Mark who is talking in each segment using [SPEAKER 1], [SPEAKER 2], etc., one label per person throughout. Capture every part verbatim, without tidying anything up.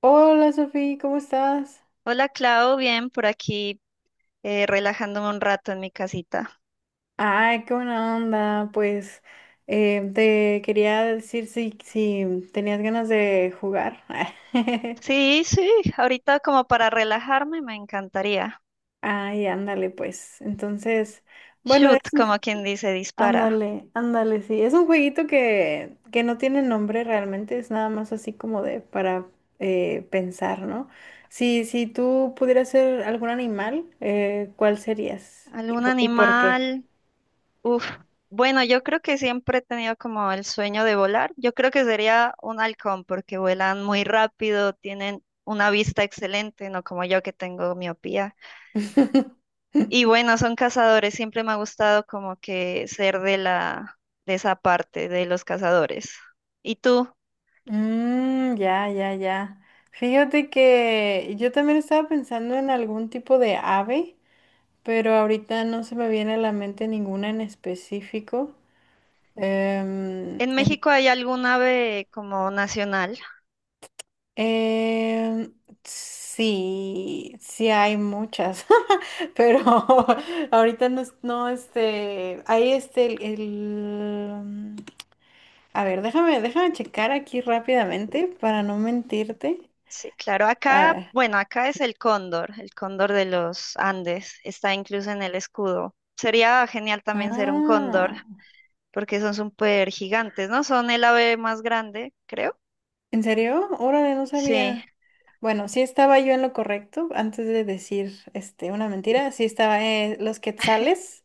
[SPEAKER 1] Hola Sofía, ¿cómo estás?
[SPEAKER 2] Hola Clau, bien por aquí eh, relajándome un rato en mi casita.
[SPEAKER 1] Ay, qué buena onda. Pues eh, te quería decir si, si tenías ganas de jugar.
[SPEAKER 2] Sí, sí, ahorita como para relajarme me encantaría.
[SPEAKER 1] Ay, ándale, pues. Entonces, bueno,
[SPEAKER 2] Shoot,
[SPEAKER 1] es
[SPEAKER 2] como
[SPEAKER 1] un-
[SPEAKER 2] quien dice, dispara.
[SPEAKER 1] ándale, ándale, sí. Es un jueguito que, que no tiene nombre realmente, es nada más así como de para eh, pensar, ¿no? Si, si tú pudieras ser algún animal, eh, ¿cuál serías? ¿Y,
[SPEAKER 2] ¿Algún
[SPEAKER 1] po- y por qué?
[SPEAKER 2] animal? Uf. Bueno, yo creo que siempre he tenido como el sueño de volar. Yo creo que sería un halcón porque vuelan muy rápido, tienen una vista excelente, no como yo que tengo miopía. Y bueno, son cazadores, siempre me ha gustado como que ser de la, de esa parte, de los cazadores. ¿Y tú?
[SPEAKER 1] Mm, ya, ya, ya. Fíjate que yo también estaba pensando en algún tipo de ave, pero ahorita no se me viene a la mente ninguna en específico. Em,
[SPEAKER 2] ¿En
[SPEAKER 1] en-
[SPEAKER 2] México hay algún ave como nacional?
[SPEAKER 1] em, sí, sí hay muchas, pero ahorita no, es- no, este, hay este, el, el, mm, a ver, déjame, déjame checar aquí rápidamente para no mentirte.
[SPEAKER 2] Sí, claro,
[SPEAKER 1] A
[SPEAKER 2] acá,
[SPEAKER 1] ver.
[SPEAKER 2] bueno, acá es el cóndor, el cóndor de los Andes, está incluso en el escudo. Sería genial también ser un cóndor,
[SPEAKER 1] Ah.
[SPEAKER 2] porque son súper gigantes, ¿no? Son el ave más grande, creo.
[SPEAKER 1] ¿En serio? Órale, no
[SPEAKER 2] Sí.
[SPEAKER 1] sabía. Bueno, sí estaba yo en lo correcto antes de decir este una mentira. Sí estaba eh, los quetzales,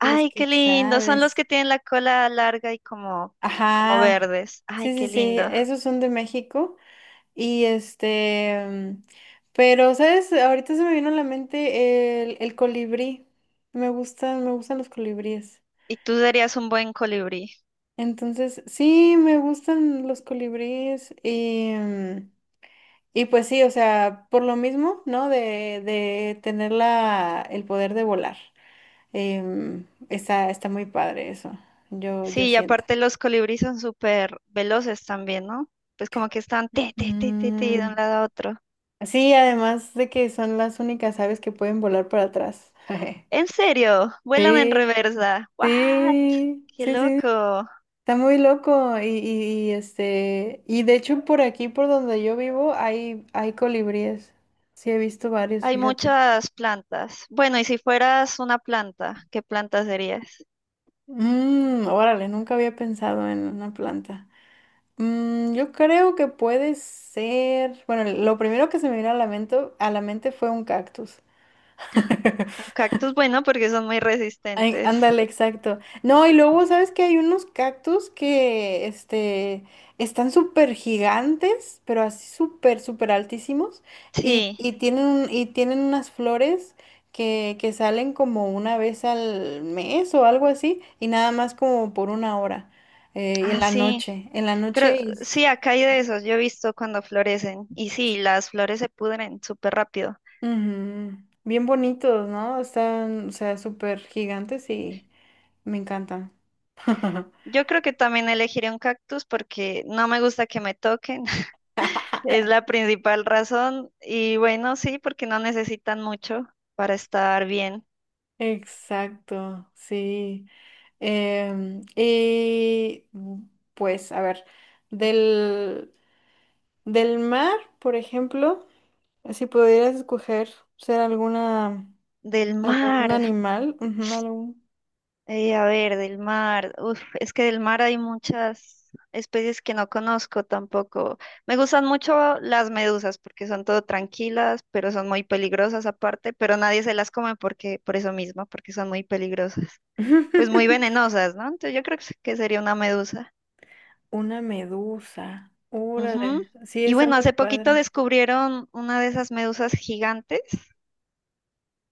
[SPEAKER 1] los
[SPEAKER 2] qué lindo, son los
[SPEAKER 1] quetzales.
[SPEAKER 2] que tienen la cola larga y como, como
[SPEAKER 1] Ajá.
[SPEAKER 2] verdes. Ay,
[SPEAKER 1] Sí,
[SPEAKER 2] qué
[SPEAKER 1] sí, sí,
[SPEAKER 2] lindo.
[SPEAKER 1] esos son de México y este mm, pero sabes, ahorita se me vino a la mente el, el colibrí. Me gustan, me gustan los colibríes.
[SPEAKER 2] Y tú serías un buen colibrí.
[SPEAKER 1] Entonces, sí, me gustan los colibríes y mm, y pues sí, o sea, por lo mismo, ¿no? De, de tener la, el poder de volar. Em, está, está muy padre eso, yo, yo
[SPEAKER 2] Sí, y
[SPEAKER 1] siento.
[SPEAKER 2] aparte los colibríes son súper veloces también, ¿no? Pues como que están te, te, te, te, te, de
[SPEAKER 1] Mm,
[SPEAKER 2] un lado a otro.
[SPEAKER 1] sí, además de que son las únicas aves que pueden volar para atrás.
[SPEAKER 2] En serio, vuelan en
[SPEAKER 1] Sí,
[SPEAKER 2] reversa. ¡What!
[SPEAKER 1] sí,
[SPEAKER 2] ¡Qué
[SPEAKER 1] sí, sí.
[SPEAKER 2] loco!
[SPEAKER 1] Está muy loco. Y, y, y, este, y de hecho por aquí, por donde yo vivo, hay, hay colibríes. Sí, he visto varios,
[SPEAKER 2] Hay
[SPEAKER 1] fíjate.
[SPEAKER 2] muchas plantas. Bueno, y si fueras una planta, ¿qué planta serías?
[SPEAKER 1] Mm, órale, nunca había pensado en una planta. Mm, yo creo que puede ser. Bueno, lo primero que se me vino a la mente, a la mente fue un cactus.
[SPEAKER 2] Un cactus, bueno, porque son muy
[SPEAKER 1] Ay,
[SPEAKER 2] resistentes.
[SPEAKER 1] ándale, exacto. No, y luego, ¿sabes que hay unos cactus que, este, están súper gigantes, pero así súper, súper altísimos, y,
[SPEAKER 2] Sí,
[SPEAKER 1] y tienen, un- y tienen unas flores que, que salen como una vez al mes o algo así, y nada más como por una hora, eh, en
[SPEAKER 2] ah,
[SPEAKER 1] la
[SPEAKER 2] sí.
[SPEAKER 1] noche, en la
[SPEAKER 2] Creo,
[SPEAKER 1] noche, y
[SPEAKER 2] sí, acá hay de esos. Yo he visto cuando florecen. Y sí, las flores se pudren súper rápido.
[SPEAKER 1] ujú. Bien bonitos, ¿no? Están, o sea, súper gigantes y me encantan.
[SPEAKER 2] Yo creo que también elegiré un cactus porque no me gusta que me toquen. Es la principal razón. Y bueno, sí, porque no necesitan mucho para estar bien.
[SPEAKER 1] Exacto, sí. Em, y mm, pues, a ver, del, del mar, por ejemplo, si pudieras escoger ser alguna,
[SPEAKER 2] Del
[SPEAKER 1] algún
[SPEAKER 2] mar,
[SPEAKER 1] animal, ujú, algún-
[SPEAKER 2] eh, a ver, del mar. Uf, es que del mar hay muchas especies que no conozco tampoco. Me gustan mucho las medusas porque son todo tranquilas, pero son muy peligrosas aparte, pero nadie se las come porque, por eso mismo, porque son muy peligrosas. Pues muy venenosas, ¿no? Entonces yo creo que sería una medusa.
[SPEAKER 1] Una medusa.
[SPEAKER 2] Ujú.
[SPEAKER 1] Órale, sí,
[SPEAKER 2] Y
[SPEAKER 1] está
[SPEAKER 2] bueno,
[SPEAKER 1] muy
[SPEAKER 2] hace poquito
[SPEAKER 1] padre.
[SPEAKER 2] descubrieron una de esas medusas gigantes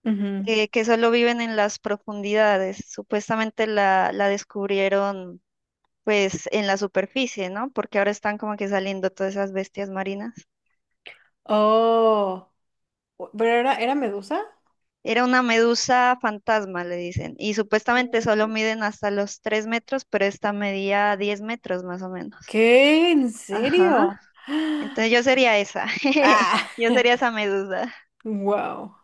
[SPEAKER 1] Ujú.
[SPEAKER 2] eh, que solo viven en las profundidades. Supuestamente la, la descubrieron pues en la superficie, ¿no? Porque ahora están como que saliendo todas esas bestias marinas.
[SPEAKER 1] Oh. ¿Pero era, era medusa?
[SPEAKER 2] Era una medusa fantasma, le dicen. Y supuestamente solo
[SPEAKER 1] Uh.
[SPEAKER 2] miden hasta los tres metros, pero esta medía diez metros más o menos.
[SPEAKER 1] ¿Qué? ¿En
[SPEAKER 2] Ajá.
[SPEAKER 1] serio?
[SPEAKER 2] Entonces yo sería esa.
[SPEAKER 1] Ah,
[SPEAKER 2] Yo sería esa medusa.
[SPEAKER 1] wow.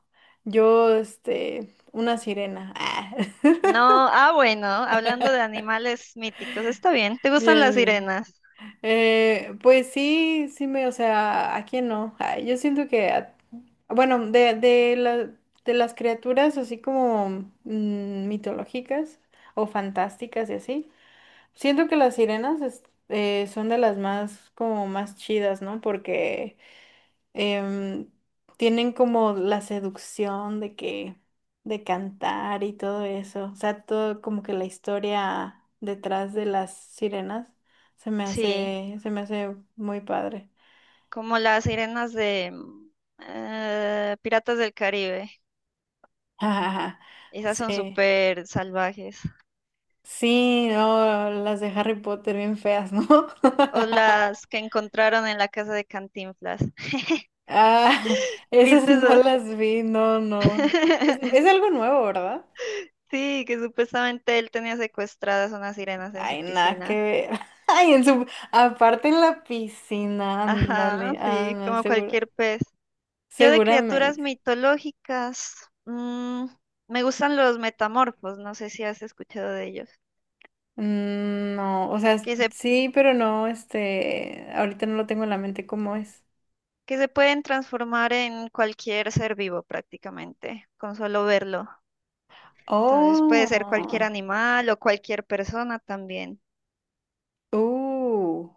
[SPEAKER 1] Yo, este, una sirena. Ah.
[SPEAKER 2] No, ah, bueno, hablando de animales míticos, está bien. ¿Te gustan las
[SPEAKER 1] Bien.
[SPEAKER 2] sirenas?
[SPEAKER 1] Eh, pues sí, sí me, o sea, ¿a quién no? Ay, yo siento que, a- bueno, de, de, la- de las criaturas así como mm, mitológicas o fantásticas y así, siento que las sirenas es- eh, son de las más como más chidas, ¿no? Porque em, tienen como la seducción de que de cantar y todo eso, o sea, todo como que la historia detrás de las sirenas se me
[SPEAKER 2] Sí,
[SPEAKER 1] hace se me hace muy padre.
[SPEAKER 2] como las sirenas de mm, eh, Piratas del Caribe. Esas son
[SPEAKER 1] Sí.
[SPEAKER 2] súper salvajes.
[SPEAKER 1] Sí, no, las de Harry Potter bien feas, ¿no?
[SPEAKER 2] O las que encontraron en la casa de Cantinflas.
[SPEAKER 1] Ah, esas
[SPEAKER 2] ¿Viste
[SPEAKER 1] no
[SPEAKER 2] eso?
[SPEAKER 1] las vi, no, no. Es, es algo nuevo, ¿verdad?
[SPEAKER 2] Sí, que supuestamente él tenía secuestradas unas sirenas en su
[SPEAKER 1] Ay, nada que
[SPEAKER 2] piscina.
[SPEAKER 1] ver. Ay, en su... aparte en la piscina, ándale,
[SPEAKER 2] Ajá,
[SPEAKER 1] ah,
[SPEAKER 2] sí,
[SPEAKER 1] no,
[SPEAKER 2] como
[SPEAKER 1] seguro,
[SPEAKER 2] cualquier pez. Yo de criaturas
[SPEAKER 1] seguramente.
[SPEAKER 2] mitológicas, mm, me gustan los metamorfos, no sé si has escuchado de ellos,
[SPEAKER 1] Mm, no, o sea,
[SPEAKER 2] que se,
[SPEAKER 1] sí, pero no, este, ahorita no lo tengo en la mente cómo es.
[SPEAKER 2] que se pueden transformar en cualquier ser vivo prácticamente, con solo verlo. Entonces puede ser cualquier
[SPEAKER 1] Oh,
[SPEAKER 2] animal o cualquier persona también.
[SPEAKER 1] uh,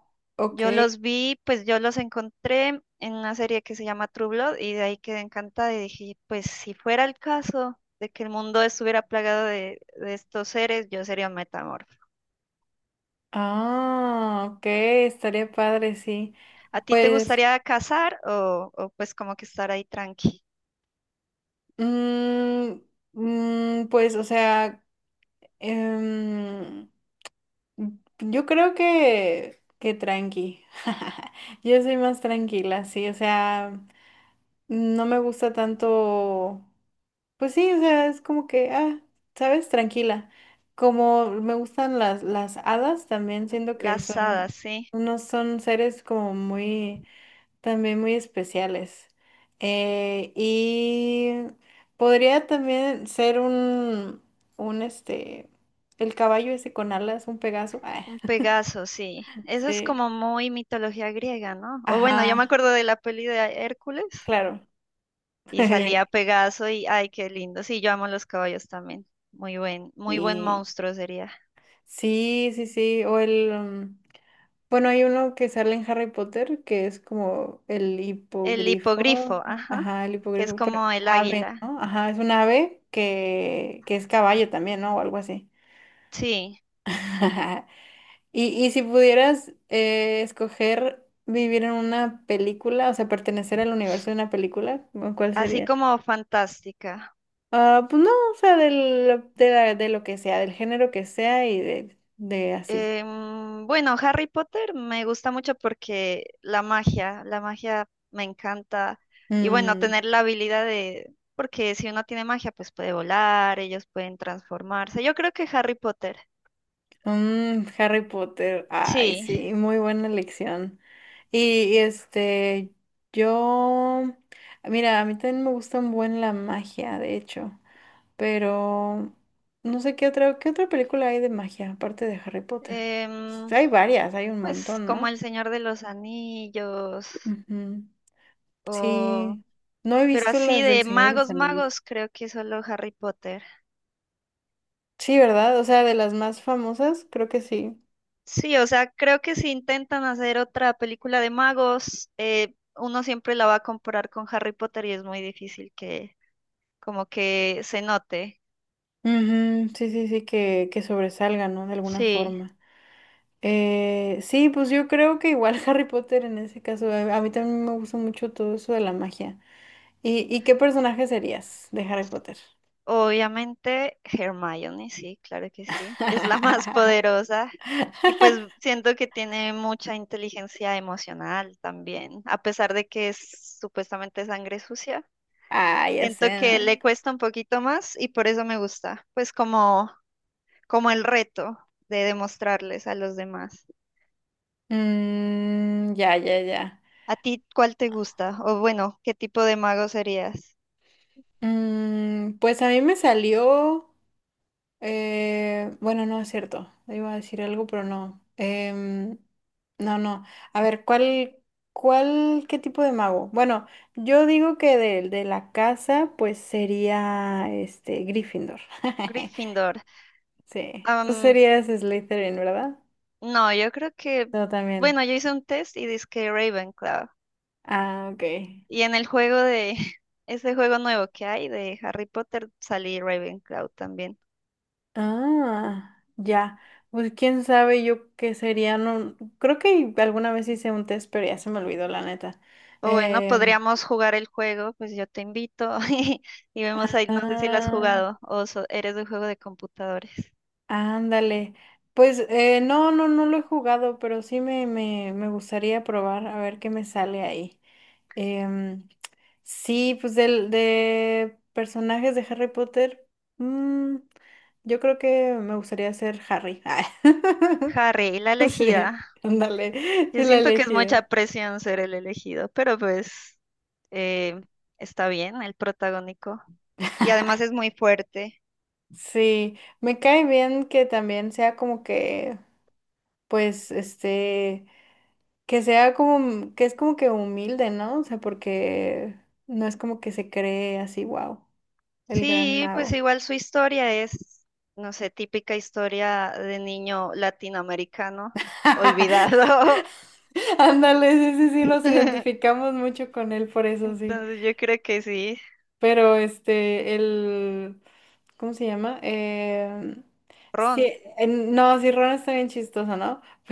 [SPEAKER 2] Yo
[SPEAKER 1] ok.
[SPEAKER 2] los vi, pues yo los encontré en una serie que se llama True Blood y de ahí quedé encantada y dije, pues si fuera el caso de que el mundo estuviera plagado de, de estos seres, yo sería un metamorfo.
[SPEAKER 1] Ah, ok, estaría padre, sí.
[SPEAKER 2] ¿A ti te
[SPEAKER 1] Pues,
[SPEAKER 2] gustaría cazar o, o pues como que estar ahí tranqui?
[SPEAKER 1] mm, mm, pues, o sea, em, yo creo que, que tranqui. Yo soy más tranquila, sí, o sea, no me gusta tanto, pues sí, o sea, es como que, ah, sabes, tranquila. Como me gustan las, las hadas, también siento que
[SPEAKER 2] Las hadas,
[SPEAKER 1] son,
[SPEAKER 2] sí.
[SPEAKER 1] unos son seres como muy, también muy especiales. Eh, y podría también ser un, un, este, el caballo ese con alas, un Pegaso.
[SPEAKER 2] Un Pegaso, sí. Eso es
[SPEAKER 1] sí.
[SPEAKER 2] como muy mitología griega, ¿no? O bueno, yo me
[SPEAKER 1] Ajá,
[SPEAKER 2] acuerdo de la peli de Hércules
[SPEAKER 1] claro.
[SPEAKER 2] y salía Pegaso y ay, qué lindo. Sí, yo amo los caballos también. Muy buen, muy buen
[SPEAKER 1] Y
[SPEAKER 2] monstruo sería.
[SPEAKER 1] sí, sí, sí. O el. Um, bueno, hay uno que sale en Harry Potter que es como el
[SPEAKER 2] El
[SPEAKER 1] hipogrifo.
[SPEAKER 2] hipogrifo, ajá,
[SPEAKER 1] Ajá, el
[SPEAKER 2] que es
[SPEAKER 1] hipogrifo. Pero
[SPEAKER 2] como el
[SPEAKER 1] ave,
[SPEAKER 2] águila.
[SPEAKER 1] ¿no? Ajá, es un ave que, que es caballo también, ¿no? O algo así.
[SPEAKER 2] Sí,
[SPEAKER 1] Y, y si pudieras eh, escoger vivir en una película, o sea, pertenecer al universo de una película, ¿cuál
[SPEAKER 2] así
[SPEAKER 1] sería?
[SPEAKER 2] como fantástica.
[SPEAKER 1] Ah, pues no, o sea, del- de, la- de lo que sea, del género que sea y de, de así.
[SPEAKER 2] Em, bueno, Harry Potter me gusta mucho porque la magia, la magia me encanta. Y bueno,
[SPEAKER 1] Mm,
[SPEAKER 2] tener la habilidad de, porque si uno tiene magia, pues puede volar, ellos pueden transformarse. Yo creo que Harry Potter.
[SPEAKER 1] mm, Harry Potter, ay,
[SPEAKER 2] Sí.
[SPEAKER 1] sí, muy buena elección. Y, y, este, yo, mira, a mí también me gusta un buen la magia, de hecho, pero no sé qué otra, qué otra película hay de magia aparte de Harry Potter.
[SPEAKER 2] Em,
[SPEAKER 1] Hay varias, hay un
[SPEAKER 2] pues
[SPEAKER 1] montón,
[SPEAKER 2] como
[SPEAKER 1] ¿no?
[SPEAKER 2] El Señor de los Anillos,
[SPEAKER 1] Ujú.
[SPEAKER 2] o...
[SPEAKER 1] Sí, no he
[SPEAKER 2] pero
[SPEAKER 1] visto
[SPEAKER 2] así
[SPEAKER 1] las del
[SPEAKER 2] de
[SPEAKER 1] Señor de los
[SPEAKER 2] magos,
[SPEAKER 1] Anillos.
[SPEAKER 2] magos, creo que solo Harry Potter.
[SPEAKER 1] Sí, ¿verdad? O sea, de las más famosas, creo que sí.
[SPEAKER 2] Sí, o sea, creo que si intentan hacer otra película de magos, eh, uno siempre la va a comparar con Harry Potter y es muy difícil que como que se note.
[SPEAKER 1] Ujú, sí, sí, sí, que, que sobresalga, ¿no? De alguna
[SPEAKER 2] Sí,
[SPEAKER 1] forma. Eh, sí, pues yo creo que igual Harry Potter en ese caso, a a mí también me gusta mucho todo eso de la magia. ¿Y, y qué personaje serías de Harry Potter?
[SPEAKER 2] obviamente Hermione, sí, claro que sí, es la más poderosa y pues siento que tiene mucha inteligencia emocional también, a pesar de que es supuestamente sangre sucia.
[SPEAKER 1] Ah, ya
[SPEAKER 2] Siento
[SPEAKER 1] sé,
[SPEAKER 2] que
[SPEAKER 1] ¿no?
[SPEAKER 2] le cuesta un poquito más y por eso me gusta, pues como como el reto de demostrarles a los demás.
[SPEAKER 1] Mm, ya, ya, ya.
[SPEAKER 2] ¿A ti cuál te gusta? O bueno, ¿qué tipo de mago serías?
[SPEAKER 1] Mm, pues a mí me salió. Eh, bueno, no es cierto. Iba a decir algo, pero no. Em, no, no. A ver, ¿cuál, cuál, qué tipo de mago? Bueno, yo digo que del de la casa, pues sería este Gryffindor.
[SPEAKER 2] Gryffindor.
[SPEAKER 1] Sí. Tú
[SPEAKER 2] Am,
[SPEAKER 1] serías Slytherin, ¿verdad?
[SPEAKER 2] no, yo creo que,
[SPEAKER 1] Yo también.
[SPEAKER 2] bueno, yo hice un test y dizque Ravenclaw.
[SPEAKER 1] Ah, ok.
[SPEAKER 2] Y en el juego de, ese juego nuevo que hay de Harry Potter, salí Ravenclaw también.
[SPEAKER 1] Ah, ya. Pues quién sabe yo qué sería. No, creo que alguna vez hice un test, pero ya se me olvidó, la neta.
[SPEAKER 2] O bueno,
[SPEAKER 1] Eh,
[SPEAKER 2] podríamos jugar el juego, pues yo te invito y, y vemos ahí, no sé si lo has jugado o so- eres de un juego de computadores.
[SPEAKER 1] Ándale. Pues eh, no, no, no lo he jugado, pero sí me, me, me gustaría probar a ver qué me sale ahí. Em, sí, pues del, de personajes de Harry Potter, mm, yo creo que me gustaría ser Harry. Ah,
[SPEAKER 2] Harry, la
[SPEAKER 1] sí,
[SPEAKER 2] elegida.
[SPEAKER 1] ándale,
[SPEAKER 2] Yo
[SPEAKER 1] la
[SPEAKER 2] siento que es
[SPEAKER 1] elegida.
[SPEAKER 2] mucha presión ser el elegido, pero pues eh, está bien el protagónico. Y además es muy fuerte.
[SPEAKER 1] Sí, me cae bien que también sea como que, pues, este... que sea como, que es como que humilde, ¿no? O sea, porque no es como que se cree así, wow, el gran
[SPEAKER 2] Sí, pues
[SPEAKER 1] mago.
[SPEAKER 2] igual su historia es, no sé, típica historia de niño latinoamericano olvidado.
[SPEAKER 1] Ándale, sí, sí, sí, nos identificamos mucho con él, por eso sí.
[SPEAKER 2] Entonces yo creo que sí,
[SPEAKER 1] Pero este, el... ¿Cómo se llama? Eh, sí,
[SPEAKER 2] Ron.
[SPEAKER 1] eh, no, sí, Ron está bien chistoso, ¿no?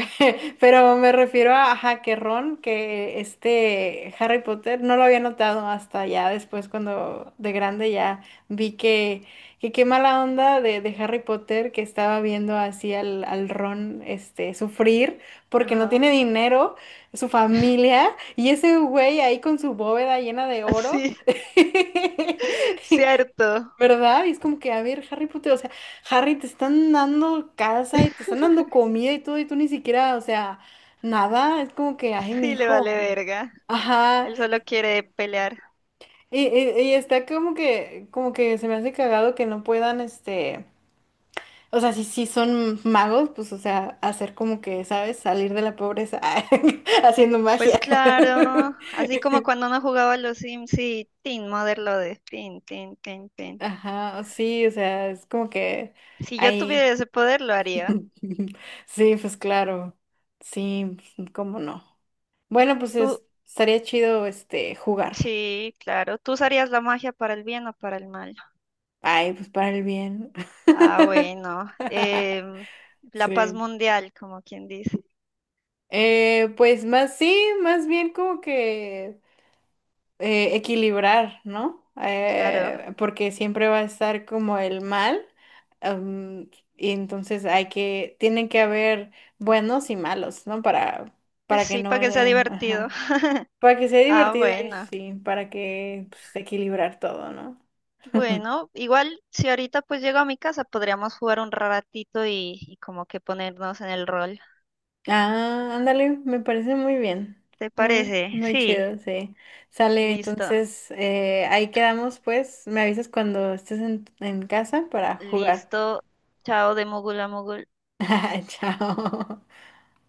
[SPEAKER 1] Pero me refiero a, ajá, que Ron, que este Harry Potter, no lo había notado hasta ya después cuando de grande ya vi que, que qué mala onda de, de Harry Potter que estaba viendo así al, al Ron este, sufrir porque no
[SPEAKER 2] Ajá.
[SPEAKER 1] tiene dinero, su familia, y ese güey ahí con su bóveda llena de oro.
[SPEAKER 2] Sí, cierto.
[SPEAKER 1] ¿Verdad? Y es como que, a ver, Harry Potter, o sea, Harry, te están dando casa y te están dando comida y todo, y tú ni siquiera, o sea, nada, es como que, ay, mi
[SPEAKER 2] Sí, le
[SPEAKER 1] hijo.
[SPEAKER 2] vale verga.
[SPEAKER 1] Ajá,
[SPEAKER 2] Él solo quiere pelear.
[SPEAKER 1] y, y- y está como que, como que se me hace cagado que no puedan, este, o sea, si, si son magos, pues, o sea, hacer como que, ¿sabes? Salir de la pobreza haciendo
[SPEAKER 2] Pues
[SPEAKER 1] magia.
[SPEAKER 2] claro, así como cuando uno jugaba a los Sims y Tin, Mother lo de Tin, Tin, Tin, Tin.
[SPEAKER 1] Ajá, sí, o sea, es como que
[SPEAKER 2] Si yo
[SPEAKER 1] ahí.
[SPEAKER 2] tuviera ese poder, lo haría.
[SPEAKER 1] Sí, pues claro. Sí, cómo no. Bueno, pues
[SPEAKER 2] Tú,
[SPEAKER 1] es- estaría chido este jugar.
[SPEAKER 2] sí, claro. ¿Tú usarías la magia para el bien o para el mal?
[SPEAKER 1] Ay, pues para el bien.
[SPEAKER 2] Ah, bueno. em, la paz
[SPEAKER 1] Sí.
[SPEAKER 2] mundial, como quien dice.
[SPEAKER 1] Eh, pues más sí, más bien como que eh, equilibrar, ¿no?
[SPEAKER 2] Claro.
[SPEAKER 1] Eh, porque siempre va a estar como el mal. Am, y entonces hay que, tienen que haber buenos y malos, ¿no? Para,
[SPEAKER 2] Pues
[SPEAKER 1] para que
[SPEAKER 2] sí,
[SPEAKER 1] no,
[SPEAKER 2] para que sea
[SPEAKER 1] eh,
[SPEAKER 2] divertido.
[SPEAKER 1] ajá. Para que sea
[SPEAKER 2] Ah,
[SPEAKER 1] divertido y
[SPEAKER 2] bueno.
[SPEAKER 1] sí, para que pues, equilibrar todo, ¿no?
[SPEAKER 2] Bueno, igual si ahorita pues llego a mi casa, podríamos jugar un ratito y, y como que ponernos en el rol.
[SPEAKER 1] Ah, ándale, me parece muy bien.
[SPEAKER 2] ¿Te
[SPEAKER 1] Muy,
[SPEAKER 2] parece?
[SPEAKER 1] muy
[SPEAKER 2] Sí,
[SPEAKER 1] chido, sí. Sale,
[SPEAKER 2] listo.
[SPEAKER 1] entonces eh, ahí quedamos, pues. Me avisas cuando estés en, en casa para jugar.
[SPEAKER 2] Listo. Chao de mogul a mogul.
[SPEAKER 1] Chao.